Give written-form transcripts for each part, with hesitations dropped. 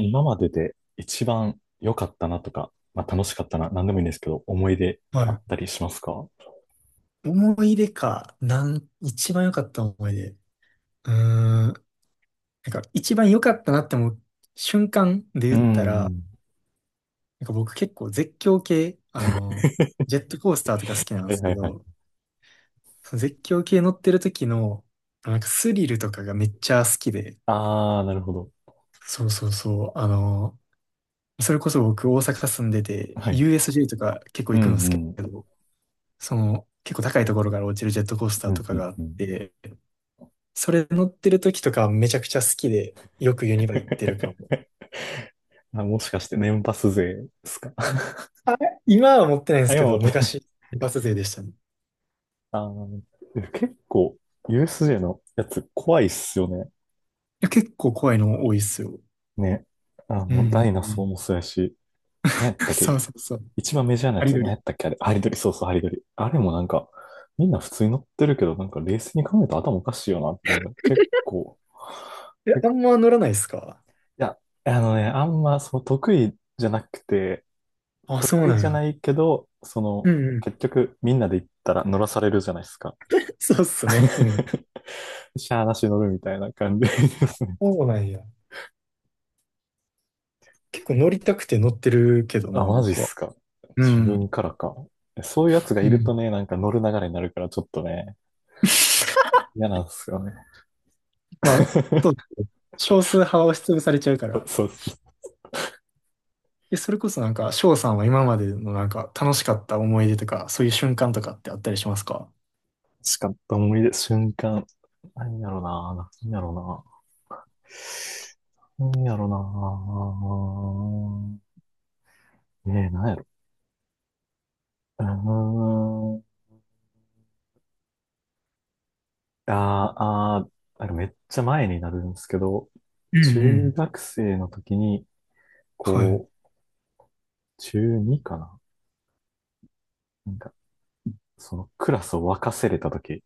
今までで一番良かったなとか、まあ、楽しかったな、何でもいいんですけど、思い出はあったりしますか？い。思い出か、一番良かった思い出。なんか、一番良かったなって思う瞬間で言うっんたうら、ん。なんか僕結構絶叫系、ジェットコースターとか好きなんはでいすはけいはど、い。その絶叫系乗ってる時の、なんかスリルとかがめっちゃ好きで、ああ、なるほど。そうそうそう。それこそ僕大阪住んでて、はい。USJ とか結構う行んくんですけうん。ど、結構高いところから落ちるジェットコースタうーとんかうんがあっうん。て、それ乗ってる時とかめちゃくちゃ好きで、よくユニバ行ってるかも。あ、もしかして年パス勢ですか？ あれ今は持ってないんであ、すけ今思っど、て。昔、一発勢でしたね。いあー、結構 USJ のやつ怖いっすよね。や、結構怖いの多いっすよ。ね。あうんうの、んうダイナソーん。もそうやし、ね、だっそけ、うそうそう。一番メジャーなやハリつ、ド何やリ。ったっけあれ、ハリドリ、そうそう、ハリドリ。あれもなんか、みんな普通に乗ってるけど、なんか冷静に考えたら頭おかしいよな。なんか結構、え、けいあんま乗らないっすか？や、あのね、あんまその得意じゃなくて、あ、そう得意なんじゃや。ないけど、そうの、んうん。結局みんなで行ったら乗らされるじゃないですか。そうっすね。うん。しゃーなし乗るみたいな感じですね。そうなんや。結構乗りたくて乗ってるけ どな、あ、マジっ僕は。すか。う自ん。分からか。そういうやつがいうるとん。ね、なんか乗る流れになるからちょっとね、嫌なんですよね。まあ、そう。少数派は押しつぶされちゃうから。そうそう。え、それこそなんか、翔さんは今までのなんか楽しかった思い出とか、そういう瞬間とかってあったりしますか？しかった思い出、瞬間。何やろな、何やろな。何やろな。ねえ、何やろ。うーん。あーあー、なんかめっちゃ前になるんですけど、うんう中ん。学生の時に、はい。こう、中2かな、なんか、そのクラスを沸かせれた時、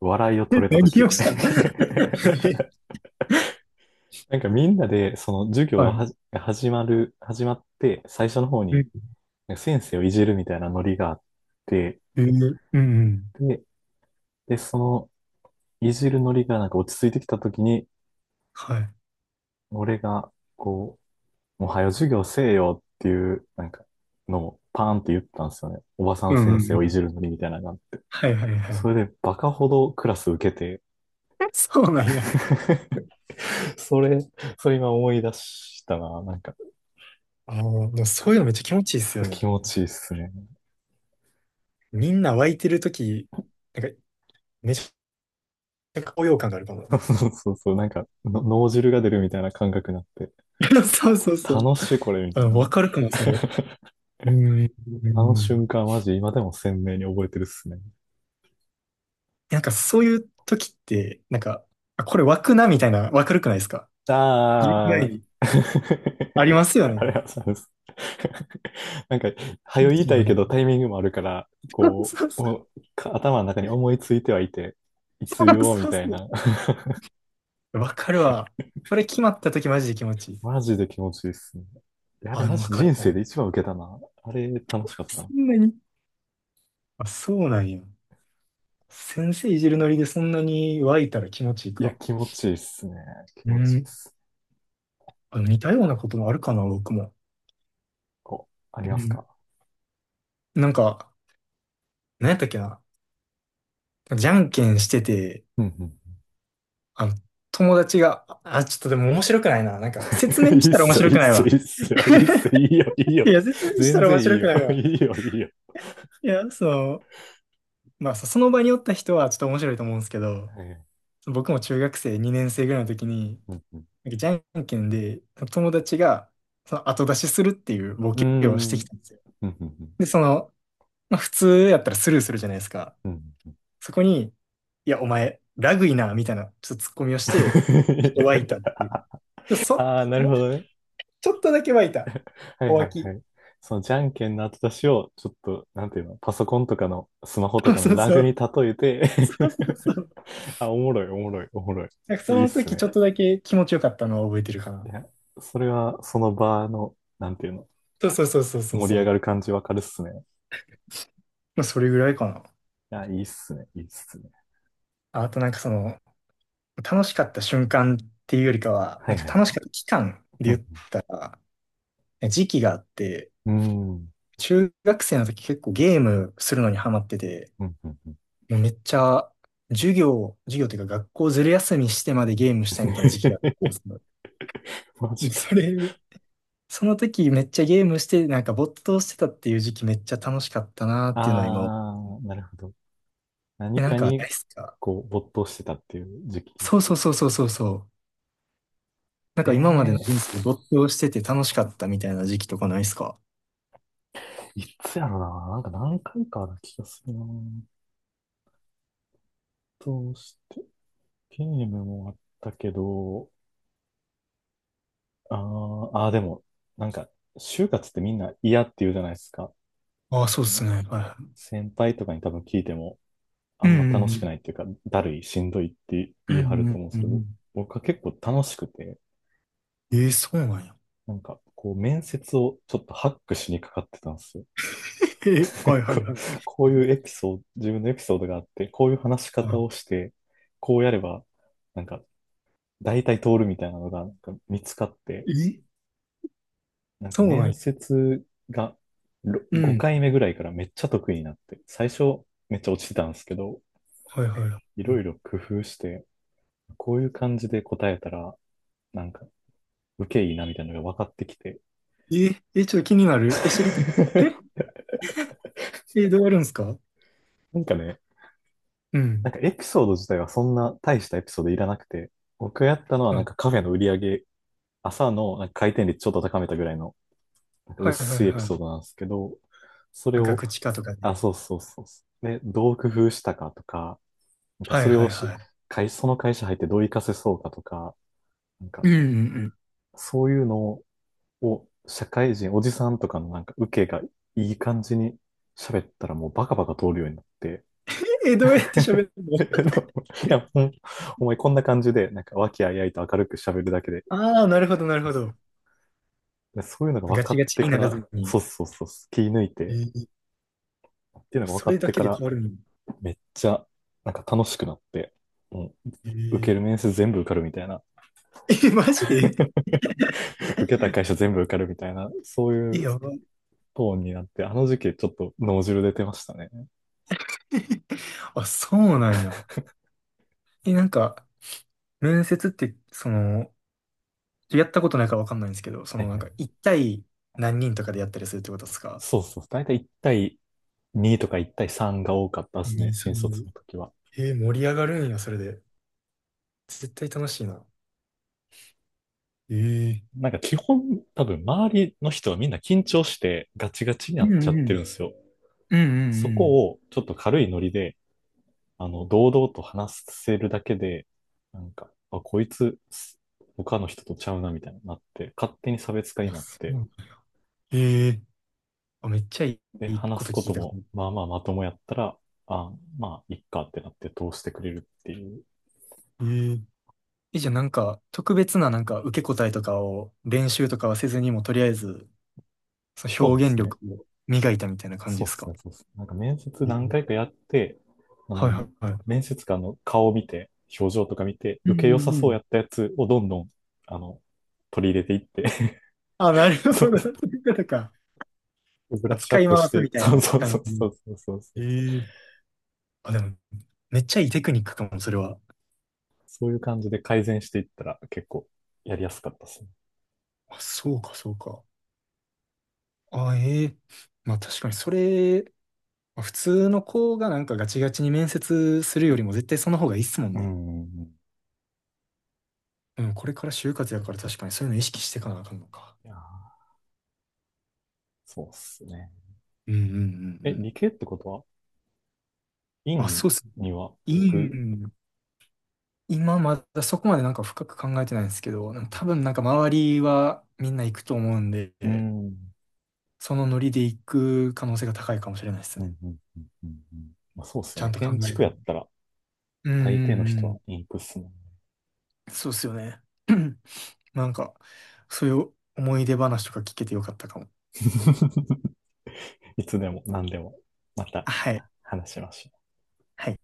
笑いを取 れた何を時。したの？ なんかみんなで、その授業ははい。じが始まる、始まって、最初の方うに、んなんか先生をいじるみたいなノリがあって、えーうんうんで、で、その、いじるノリがなんか落ち着いてきたときに、はい。俺が、こう、もう早授業せえよっていう、なんか、のをパーンって言ったんですよね。おばさうんんうんう先生をいんじるノリみたいなのがあって。はいはいはそい。れで、バカほどクラス受けて。 そうなんや。それ、それ今思い出したな。なんか、でもそういうのめっちゃ気持ちいいっすよね。気持ちいいっすね。みんな湧いてるとき、なんか、めちゃ高揚感があるかも。そうそうそう、なんかの、脳汁が出るみたいな感覚になって、そうそうそう。楽しいこれみあ、たいな。わかるかも、それ。うん。うんうあのん瞬間、マジ、今でも鮮明に覚えてるっすね。なんかそういう時って、なんか、あ、これ湧くなみたいな、わかるくないですか？言う前ああ、に。あり ますよあね。れはそうです。なんか、気早持よ言いちいいたいよけね。どタイミングもあるから、そうこそうう、そ頭の中に思いついてはいて、いつ言うおうみたいそな。う。わかるわ。これ決まった時マジで気持ちいい。マジで気持ちいいっすね。いや、あれあ、でマもわジかる人か生も。で一番受けたな。あれ楽しかったそな。んなに、あ、そうなんや。先生いじるノリでそんなに湧いたら気持ちいいいや、か。気持ちいいっすね。気う持ちいいっん。す。あ似たようなこともあるかな、僕も。こうありうますん。か？なんか、何やったっけな。じゃんけんしてて、うんうん。 あの、友達が、あ、ちょっとでも面白くないな。なんか、説明 いしいったら面すよ、白いいっくないすよ、わ。いいっすよ、いいっすよ、いいよ、いいよ。いや、説明した全ら然面いい白くよ、ない いわ。いよ、いいよ。いや、その、まあ、その場におった人はちょっと面白いと思うんですけど、僕も中学生2年生ぐらいの時に、うんうん、なんかじゃんけんで、友達が、その後出しするっていうボうーケをしてん、うきんたんですよ。うんうん。 で、その、まあ、普通やったらスルーするじゃないですか。そこに、いや、お前、ラグいな、みたいな、ちょっとツッコミをして、ちょっと湧いたっ ていう。でそ、ああ、なる ほどね。ちょっとだけ湧いた。はおいは湧いはき。い。そのじゃんけんの後出しを、ちょっと、なんていうの、パソコンとかの、スマホ とそうかのそうラそグにう。例えて。 そうそうそう。あ、おもろい、おもろい、おもろい。なんかいそいっのす時ね。ちょっとだけ気持ちよかったのを覚えてるかいな。や、それは、その場の、なんていうの、そうそうそうそうそう盛りそ上がう。る感じわかるっすね。まあそれぐらいかな。あ、いいっすね、いいっすね。あと、楽しかった瞬間っていうよりかは、はないんかは楽しい。かった期間うで言ん。ったら、時期があって、うーん。中学生の時結構ゲームするのにハマってて、うんうんうん。 もうめっちゃ授業、授業というか学校ずる休みしてまでゲームしたいみたいな時期があった んですけど、マジか。それその時めっちゃゲームして、なんか没頭してたっていう時期めっちゃ楽しかったなっていうのは今思う、あー、なるほど。え、何なんかかなに、いっすか？こう、没頭してたっていう時期。そうそうそうそうそうそう。なんえか今までのえ人生で没頭してて楽しかったみたいな時期とかないっすか？ー、いつやろな。なんか何回かある気がするな。どうして、ゲームもあったけど、あー、あーでも、なんか、就活ってみんな嫌って言うじゃないですか。ああ、そそうっすの、ね。はい先輩とかに多分聞いても、あんま楽しくないっていうか、だるい、しんどいってう言い張るんうとん思うんでうんうすんうけんうんど、う僕は結構楽しくて、ん。えー、そうなんや。なんか、こう、面接をちょっとハックしにかかってたんですよ。えー、は いはこいはい。こういうエピソード、自分のエピソードがあって、こういう話しあ方をして、こうやれば、なんか、大体通るみたいなのが、なんか見つかって、え、なんかそうなん面や。接がうん。5回目ぐらいからめっちゃ得意になって、最初めっちゃ落ちてたんですけど、はいはいはいろいろ工夫して、こういう感じで答えたら、なんか、受けいいなみたいなのが分かってきて、い。え、え、ちょっと気になる。え、知りたい。え、えどうやるんすか？なんかね、うなんん。かエピソード自体はそんな大したエピソードいらなくて、僕がやったのははなんいかカフェの売り上げ、朝のなんか回転率ちょっと高めたぐらいのなんかはいはい薄いエピはソーい。ドなんですけど、それまあガを、クチカとかあ、ね。そうそうそうそう。で、どう工夫したかとか、なんかはいそれはをいし、はい。その会社入ってどう活かせそうかとか、なんかうんうんうん。そういうのを社会人、おじさんとかのなんか受けがいい感じに喋ったらもうバカバカ通るようになって、ええ、どうやって喋るの？ いや、お前こんな感じで、なんか和気あいあいと明るく喋るだけで、あ あー、なるほど、なるそうほそど。うそういうのが分ガかチっガチてにかならら、ずに。そうそうそう、気抜いて、えっていうえのが分そかれっだてけかでら、変わるの？めっちゃ、なんか楽しくなって、もう、受けるえ面接全部受かるみたいな、え、えマジで？ 受けた会社全部受かるみたいな、そういえ、うやばい。トーンになって、あの時期ちょっと脳汁出てましたね。あ、そうなんや。え、なんか、面接って、やったことないからわかんないんですけど、そはのいなんはか、い。一対何人とかでやったりするってことですか？そうそう、大体1対2とか1対3が多かったでえ、すね、2、新3、卒ごの時は。えー、盛り上がるんや、それで。絶対楽しいな。ええなんか基本、多分周りの人はみんな緊張してガチガチになっちゃってるんですよ。うんうんうんうそんうん。こをちょっと軽いノリで、あの、堂々と話せるだけで、なんか、あ、こいつ、他の人とちゃうなみたいになって、勝手に差別化いにや、なっそて、う。ええあ、めっちゃいで、いこ話すとこ聞いとた。も、まあまあまともやったら、あ、まあ、いっかってなって通してくれるっていう。えー、え、じゃあなんか、特別ななんか受け答えとかを練習とかはせずにも、とりあえず、そのそうで表現すね。力を磨いたみたいな感じそでうですすか？ね、そうですね。なんか面接え何ー回かやって、あはいの、はいはい。面接官の顔を見て、表情とか見て、う受けん良うさんうそうん。やったやつをどんどん、あの、取り入れていって。 あ、なる そほう、ど。そういうことか。ブラあ、ッシュア使ッいプし回すて、みたいそうなそうそ感うそじ。うそうそうそえう。ーあ、でも、めっちゃいいテクニックかも、それは。そういう感じで改善していったら結構やりやすかったですね。あ、そうか、そうか。あ、ええまあ確かにそれ、まあ普通の子がなんかガチガチに面接するよりも絶対その方がいいっすもんうね。ん。うん、これから就活やから確かにそういうの意識していかなあかんのか。いやー、そうっすね。うんうんうんうえ、ん。理系ってことは、あ、院そうっす。には行いいく？ん今まだそこまでなんか深く考えてないんですけど、はい。多分なんか周りはみんな行くと思うんうで、ん。うん、そのノリで行く可能性が高いかもしれないですうね。ん、うん、うん。うん。まあ、そうっすちよゃね。んと考建え築る。やったら、うんう大抵のん人うん。はインクっすもんね。そうっすよね。なんか、そういう思い出話とか聞けてよかったかも。いつでも何でもまたはい。話しましょう。はい